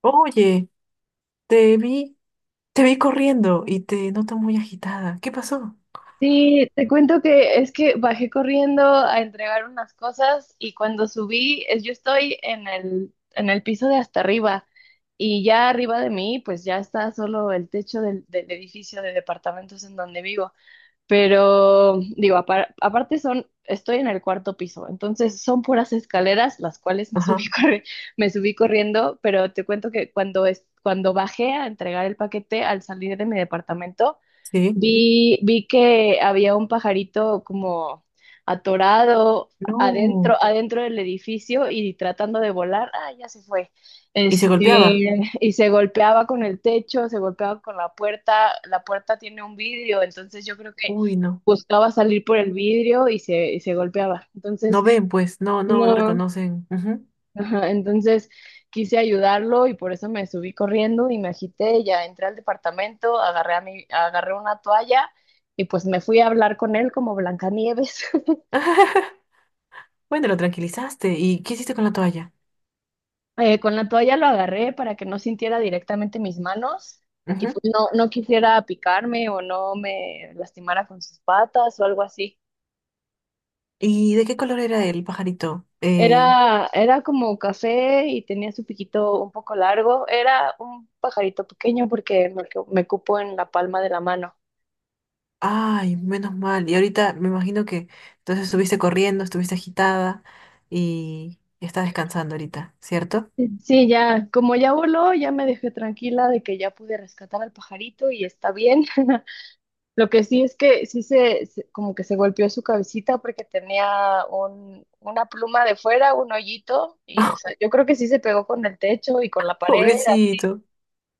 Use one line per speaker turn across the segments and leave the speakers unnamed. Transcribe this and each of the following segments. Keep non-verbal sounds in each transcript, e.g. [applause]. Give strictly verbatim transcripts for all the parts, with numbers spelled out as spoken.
Oye, te vi, te vi corriendo y te noto muy agitada. ¿Qué pasó?
Sí, te cuento que es que bajé corriendo a entregar unas cosas y cuando subí, es- yo estoy en el, en el piso de hasta arriba y ya arriba de mí, pues ya está solo el techo del, del edificio de departamentos en donde vivo. Pero digo, apar- aparte son, estoy en el cuarto piso, entonces son puras escaleras las cuales me subí,
Ajá,
[laughs] corri- me subí corriendo, pero te cuento que cuando, es, cuando bajé a entregar el paquete al salir de mi departamento,
sí.
Vi, vi que había un pajarito como atorado
No.
adentro, adentro del edificio y tratando de volar. Ah, ya se fue.
Y se golpeaba.
Este, y se golpeaba con el techo, se golpeaba con la puerta. La puerta tiene un vidrio, entonces yo creo que
Uy, no.
buscaba salir por el vidrio y se, y se golpeaba.
No
Entonces,
ven, pues, no, no, no
no.
reconocen. Ujú.
Ajá, entonces quise ayudarlo y por eso me subí corriendo y me agité, ya entré al departamento, agarré a mi, agarré una toalla y pues me fui a hablar con él como Blancanieves. [laughs]
[laughs] Bueno, lo tranquilizaste. ¿Y qué hiciste con la toalla?
Eh, con la toalla lo agarré para que no sintiera directamente mis manos y pues
Ujú.
no, no quisiera picarme o no me lastimara con sus patas o algo así.
¿Y de qué color era el pajarito? Eh,
Era, era como café y tenía su piquito un poco largo. Era un pajarito pequeño porque me, me cupo en la palma de la mano.
ay, menos mal. Y ahorita me imagino que entonces estuviste corriendo, estuviste agitada y está descansando ahorita, ¿cierto?
Sí, ya, como ya voló, ya me dejé tranquila de que ya pude rescatar al pajarito y está bien. [laughs] Lo que sí es que sí se, se- como que se golpeó su cabecita porque tenía un, una pluma de fuera, un hoyito, y o sea,
[laughs]
yo creo que sí se pegó con el techo y con la pared.
Pobrecito.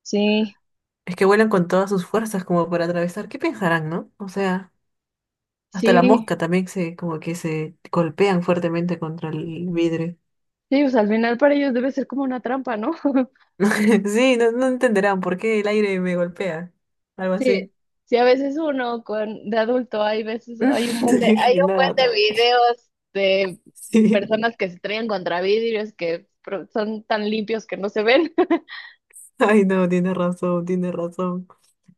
Sí,
Es que vuelan con todas sus fuerzas como para atravesar. ¿Qué pensarán, no? O sea, hasta la
sí,
mosca también se, como que se golpean fuertemente contra el vidrio.
sí, pues al final para ellos debe ser como una trampa, ¿no? [laughs]
[laughs] Sí, no, no entenderán por qué el aire me golpea. Algo
Sí,
así.
sí, a veces uno con de adulto hay veces hay un buen de hay
[laughs] Nada,
un buen de
nada.
videos de
Sí.
personas que se traen contra vidrios que pro- son tan limpios que no se ven.
Ay, no, tiene razón, tiene razón.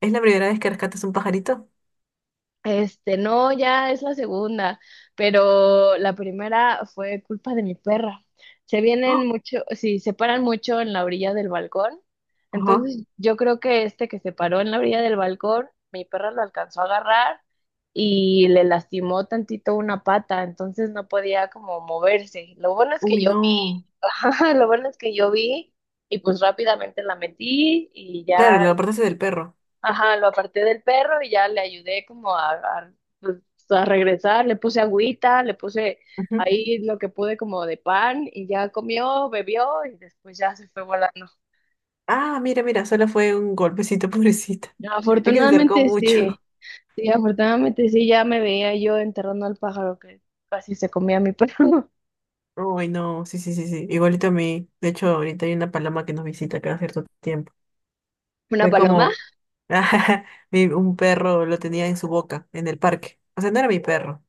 ¿Es la primera vez que rescatas un pajarito?
Este, no, ya es la segunda, pero la primera fue culpa de mi perra. Se vienen
¡Oh!
mucho, sí, se paran mucho en la orilla del balcón.
Ajá.
Entonces, yo creo que este que se paró en la orilla del balcón, mi perra lo alcanzó a agarrar y le lastimó tantito una pata, entonces no podía como moverse. Lo bueno es que
Uy,
yo vi,
no.
[laughs] ajá, lo bueno es que yo vi y pues rápidamente la metí y
Claro,
ya.
la apartaste del perro.
Ajá, lo aparté del perro y ya le ayudé como a, a, pues, a regresar, le puse agüita, le puse
Ujú.
ahí lo que pude como de pan y ya comió, bebió y después ya se fue volando.
Ah, mira, mira, solo fue un golpecito, [laughs] pobrecita. Es que se acercó
Afortunadamente sí,
mucho.
sí, afortunadamente sí, ya me veía yo enterrando al pájaro que casi se comía a mi perro.
Uy, no, sí, sí, sí, sí. Igualito a mí. De hecho, ahorita hay una paloma que nos visita cada cierto tiempo.
[laughs] ¿Una
Fue
paloma?
como [laughs] mi- un perro lo tenía en su boca, en el parque. O sea, no era mi perro.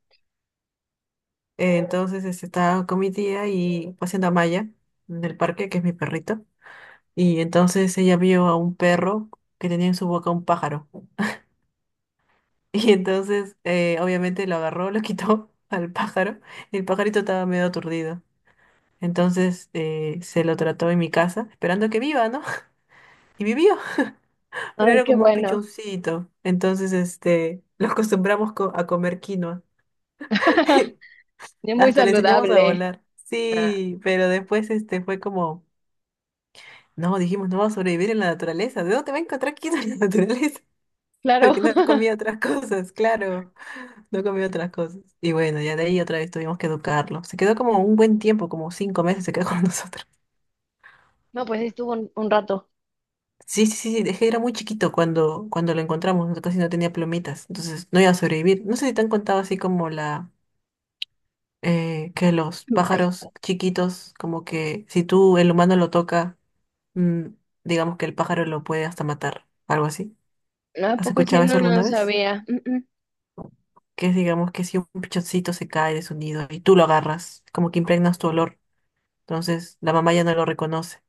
Eh, entonces este, estaba con mi tía y paseando a Maya en el parque, que es mi perrito. Y entonces ella vio a un perro que tenía en su boca un pájaro. [laughs] Y entonces, eh, obviamente, lo agarró, lo quitó [laughs] al pájaro. Y el pajarito estaba medio aturdido. Entonces eh, se lo trató en mi casa, esperando que viva, ¿no? Y vivió, [laughs] pero
Ay,
era
qué
como un
bueno.
pichoncito. Entonces, este, lo acostumbramos co- a comer quinoa.
[laughs]
[laughs]
Es muy
Hasta le enseñamos a
saludable.
volar.
Ah,
Sí, pero después, este, fue como, no, dijimos, no va a sobrevivir en la naturaleza. ¿De dónde va a encontrar quinoa en la naturaleza? [laughs]
claro.
Porque no comía
[laughs]
otras cosas, claro, no comía otras cosas. Y bueno, ya de ahí otra vez tuvimos que educarlo. Se quedó como un buen tiempo, como cinco meses se quedó con [laughs] nosotros.
No, pues sí estuvo un, un rato.
Sí, sí, sí, dejé era muy chiquito cuando, cuando lo encontramos, no- casi no tenía plumitas, entonces no iba a sobrevivir. No sé si te han contado así como la eh, que los
Ay,
pájaros chiquitos, como que si tú el humano lo toca, mm, digamos que el pájaro lo puede hasta matar, algo así.
no, ¿a
¿Has
poco sí?
escuchado eso
No, no
alguna vez?
sabía. Mm, mm,
Que es digamos que si un pichoncito se cae de su nido y tú lo agarras, como que impregnas tu olor, entonces la mamá ya no lo reconoce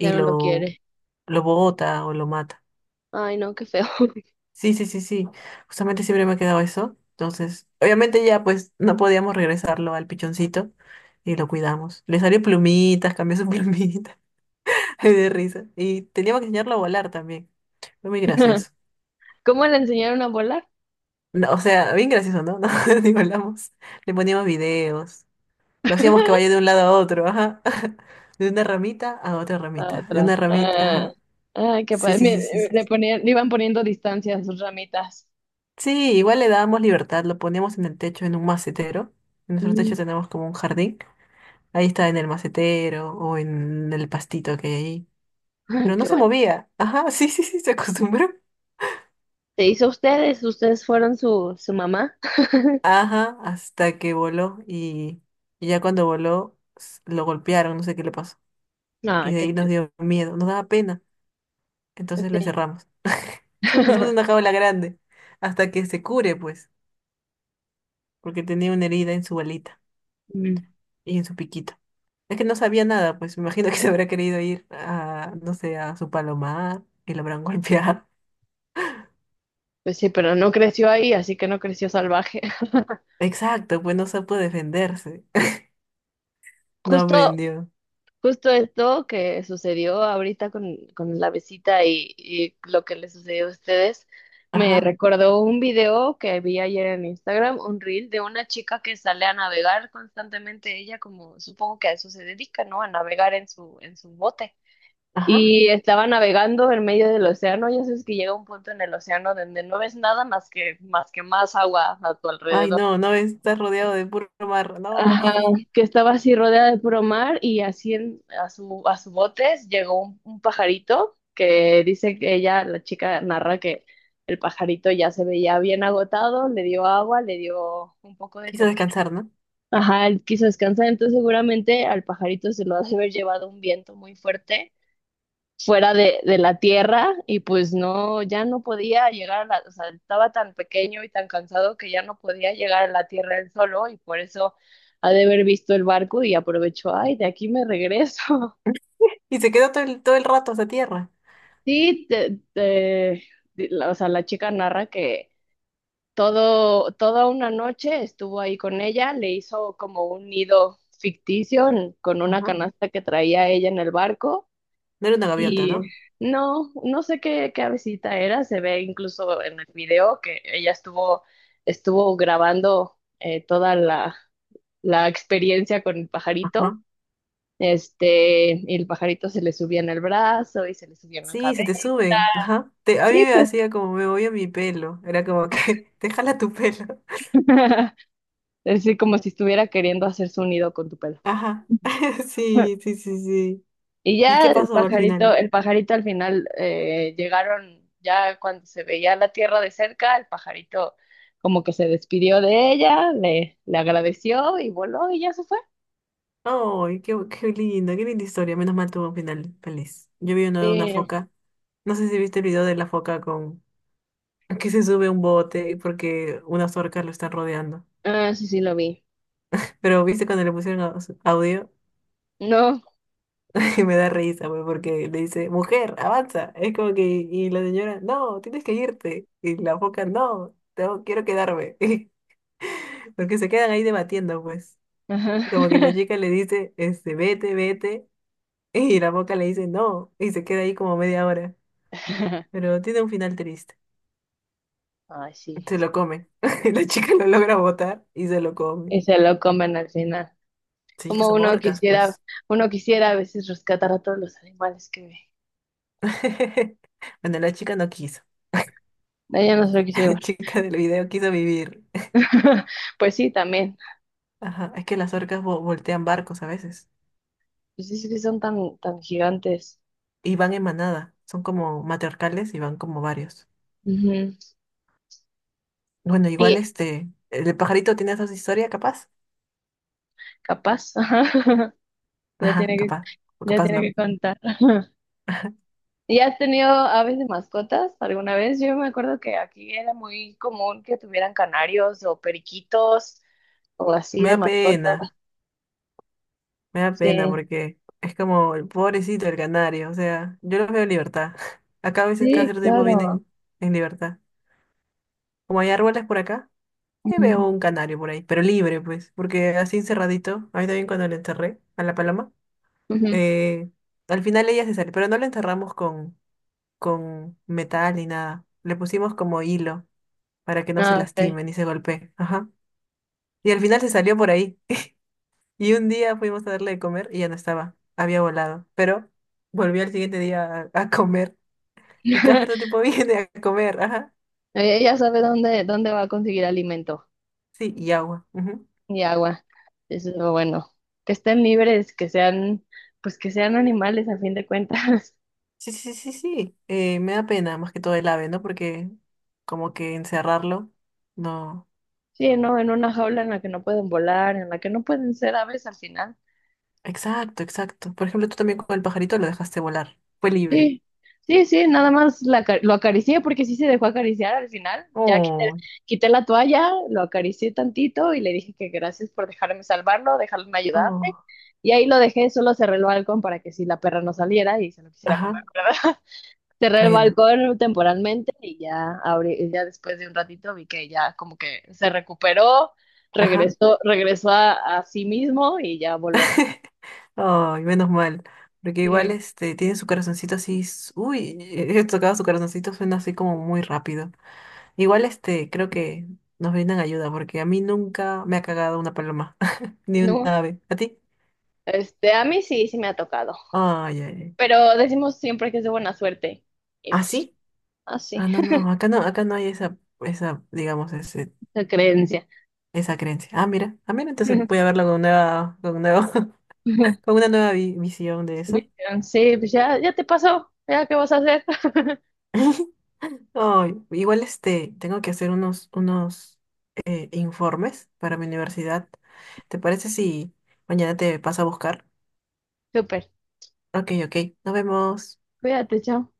ya no lo
lo,
quiere.
lo bota o lo mata.
Ay, no, qué feo.
Sí, sí, sí, sí. Justamente siempre me ha quedado eso. Entonces, obviamente ya pues no podíamos regresarlo al pichoncito y lo cuidamos. Le salió plumitas, cambió su plumita. [laughs] Ay, de risa. Y teníamos que enseñarlo a volar también. Fue muy
[laughs]
gracioso.
¿Cómo le enseñaron a volar?
No, o sea, bien gracioso, ¿no? [laughs] No, ni volamos. Le poníamos videos. Lo hacíamos que vaya de un lado a otro, ajá. [laughs] De una ramita a otra ramita. De
Atrás.
una ramita,
Ah,
ajá.
ay, qué
Sí,
padre.
sí, sí, sí,
Mire,
sí.
Le
Sí,
ponían, le iban poniendo distancia a sus ramitas.
sí, igual le dábamos libertad. Lo poníamos en el techo, en un macetero. En nuestro
Mm,
techo tenemos como un jardín. Ahí estaba en el macetero o en el pastito que hay ahí.
ay,
Pero no
qué
se
bueno.
movía. Ajá, [laughs] sí, sí, sí, se acostumbró.
¿Se hizo ustedes? ¿Ustedes fueron su, su mamá? [laughs]
Ajá, hasta que voló y, y ya cuando voló s- lo golpearon, no sé qué le pasó.
Ah,
Y de
qué
ahí nos
triste.
dio miedo, nos daba pena.
Pues
Entonces lo
sí.
encerramos. [laughs] Hicimos una
[laughs]
jaula grande hasta que se cure, pues, porque tenía una herida en su balita
Mm,
y en su piquito. Es que no sabía nada, pues me imagino que se habrá querido ir a, no sé, a su palomar y lo habrán [laughs] golpeado.
pues sí, pero no creció ahí, así que no creció salvaje. [laughs]
Exacto, pues no supo defenderse. [laughs] No
Justo
aprendió.
Justo esto que sucedió ahorita con, con la visita y, y lo que le sucedió a ustedes, me
Ajá,
recordó un video que vi ayer en Instagram, un reel de una chica que sale a navegar constantemente, ella como supongo que a eso se dedica, ¿no? A navegar en su, en su bote.
ajá.
Y estaba navegando en medio del océano, ya sabes que llega un punto en el océano donde no ves nada más que, más que más agua a tu
Ay,
alrededor.
no, no está rodeado de puro mar. No.
Ajá, que estaba así rodeada de puro mar y así en- a su, a su botes llegó un, un pajarito que dice que ella, la chica narra que el pajarito ya se veía bien agotado, le dio agua, le dio un poco
[laughs]
de
Quiso
comida.
descansar, ¿no?
Ajá, él quiso descansar, entonces seguramente al pajarito se lo ha de haber llevado un viento muy fuerte fuera de, de la tierra y pues no, ya no podía llegar a la, o sea, estaba tan pequeño y tan cansado que ya no podía llegar a la tierra él solo y por eso ha de haber visto el barco y aprovechó, ay, de aquí me regreso. [laughs]
[laughs] Y se quedó todo el, todo el rato hasta tierra.
Sí, te- te- di- la- o sea, la chica narra que todo, toda una noche estuvo ahí con ella, le hizo como un nido ficticio en- con una
Ajá.
canasta que traía ella en el barco.
No era una gaviota,
Y
¿no?
no, no sé qué, qué avecita era, se ve incluso en el video que ella estuvo, estuvo grabando eh, toda la, la experiencia con el pajarito,
Ajá.
este, y el pajarito se le subía en el brazo y se le subía en la
Sí,
cabeza.
se te sube. Ajá. Te- a mí
Sí,
me
pues,
hacía como me voy a mi pelo. Era como que [laughs] te jala tu pelo.
[laughs] así como si estuviera queriendo hacer su nido con tu pelo.
Ajá.
[laughs]
[laughs] Sí, sí, sí, sí.
Y
¿Y qué
ya el
pasó al
pajarito,
final?
el pajarito al final eh, llegaron, ya cuando se veía la tierra de cerca, el pajarito como que se despidió de ella, le, le agradeció y voló y ya se fue.
Ay, qué, bu- qué linda, qué linda historia. Menos mal tuvo un final feliz. Yo vi uno de una
Sí.
foca. No sé si viste el video de la foca con que se sube a un bote porque unas orcas lo están rodeando.
Ah, sí, sí, lo vi.
Pero viste cuando le pusieron aus- audio,
No.
[laughs] que me da risa, pues, porque le dice, mujer, avanza. Es como que, y la señora, no, tienes que irte. Y la foca, no, tengo- quiero quedarme. [laughs] Porque se quedan ahí debatiendo, pues.
Ajá.
Como que la chica le dice, este, vete, vete. [laughs] Y la foca le dice, no. Y se queda ahí como media hora.
[laughs]
Pero tiene un final triste.
Ay, sí.
Se lo come. [laughs] La chica lo logra botar y se lo come.
Y se lo comen al final.
Sí, es que
Como
son
uno
orcas,
quisiera,
pues.
uno quisiera a veces rescatar a todos los animales que ve.
[laughs] Bueno, la chica no quiso.
Ella no se lo quiso
[laughs] La
llevar.
chica del video quiso vivir.
[laughs] Pues sí, también.
Ajá, es que las orcas vo- voltean barcos a veces.
Pues sí, sí que son tan, tan gigantes.
Y van en manada. Son como matriarcales y van como varios.
Ujú.
Bueno, igual
Y.
este, el pajarito tiene esa historia, capaz.
Capaz, [laughs] Ya
Ajá,
tiene que,
capaz. O
ya
capaz
tiene
no.
que contar. [laughs] ¿Y has tenido aves de mascotas alguna vez? Yo me acuerdo que aquí era muy común que tuvieran canarios o periquitos o así
Me
de
da
mascotas.
pena. Me da pena
Sí,
porque es como el pobrecito el canario. O sea, yo los veo en libertad. [laughs] Acá a veces cada
sí,
cierto tiempo
claro.
vienen en libertad. Como hay árboles por acá. Sí
Ujú,
veo un canario por ahí, pero libre, pues, porque así encerradito, a mí también cuando le enterré a la paloma,
ujú.
eh, al final ella se salió, pero no la enterramos con, con metal ni nada, le pusimos como hilo para que no se
Ah, ok.
lastime ni se golpee, ajá, y al final se salió por ahí, [laughs] y un día fuimos a darle de comer y ya no estaba, había volado, pero volvió al siguiente día a, a comer, y cada cierto
[laughs]
tiempo [laughs] viene a comer, ajá,
Ella sabe dónde, dónde va a conseguir alimento
sí, y agua, ujú.
y agua. Eso es lo bueno. Que estén libres, que sean, pues que sean animales a fin de cuentas.
Sí, sí, sí, sí. Eh, me da pena más que todo el ave, ¿no? Porque como que encerrarlo, no.
Sí, ¿no? En una jaula en la que no pueden volar, en la que no pueden ser aves al final.
Exacto, exacto. Por ejemplo, tú también con el pajarito lo dejaste volar. Fue libre.
Sí, sí, sí, nada más la aca- lo acaricié porque sí se dejó acariciar al final. Ya quité,
Oh,
quité la toalla, lo acaricié tantito y le dije que gracias por dejarme salvarlo, dejarme ayudarme.
oh.
Y ahí lo dejé, solo cerré el balcón para que si la perra no saliera y se lo quisiera comer,
Ajá.
¿verdad? [laughs] Cerré el
Bueno.
balcón temporalmente y ya, abrí, ya después de un ratito vi que ya como que se recuperó,
Ajá.
regresó, regresó a a sí mismo y ya voló.
[laughs] Ay, menos mal. Porque igual
Sí.
este tiene su corazoncito así. s- Uy, he tocado su corazoncito, suena así como muy rápido. Igual este, creo que nos brindan ayuda, porque a mí nunca me ha cagado una paloma, [laughs] ni un
No,
ave. ¿A ti?
este, a mí sí, sí me ha tocado,
Ay, ay, ay.
pero decimos siempre que es de buena suerte. Y
¿Ah,
pues,
sí?
así,
Ah, no, no, no, acá no, acá no hay esa, esa, digamos, ese,
[laughs] la creencia.
esa creencia. Ah, mira, ah, mira, entonces voy a verlo con nueva, con nuevo, [laughs] con
[laughs]
una nueva vi- visión de eso.
Bien, sí, pues ya, ya te pasó, ya qué vas a hacer.
[laughs] Ay, igual este, tengo que hacer unos, unos eh, informes para mi universidad. ¿Te parece si mañana te paso a buscar?
[laughs] Súper,
Ok, ok, nos vemos.
cuídate, chao.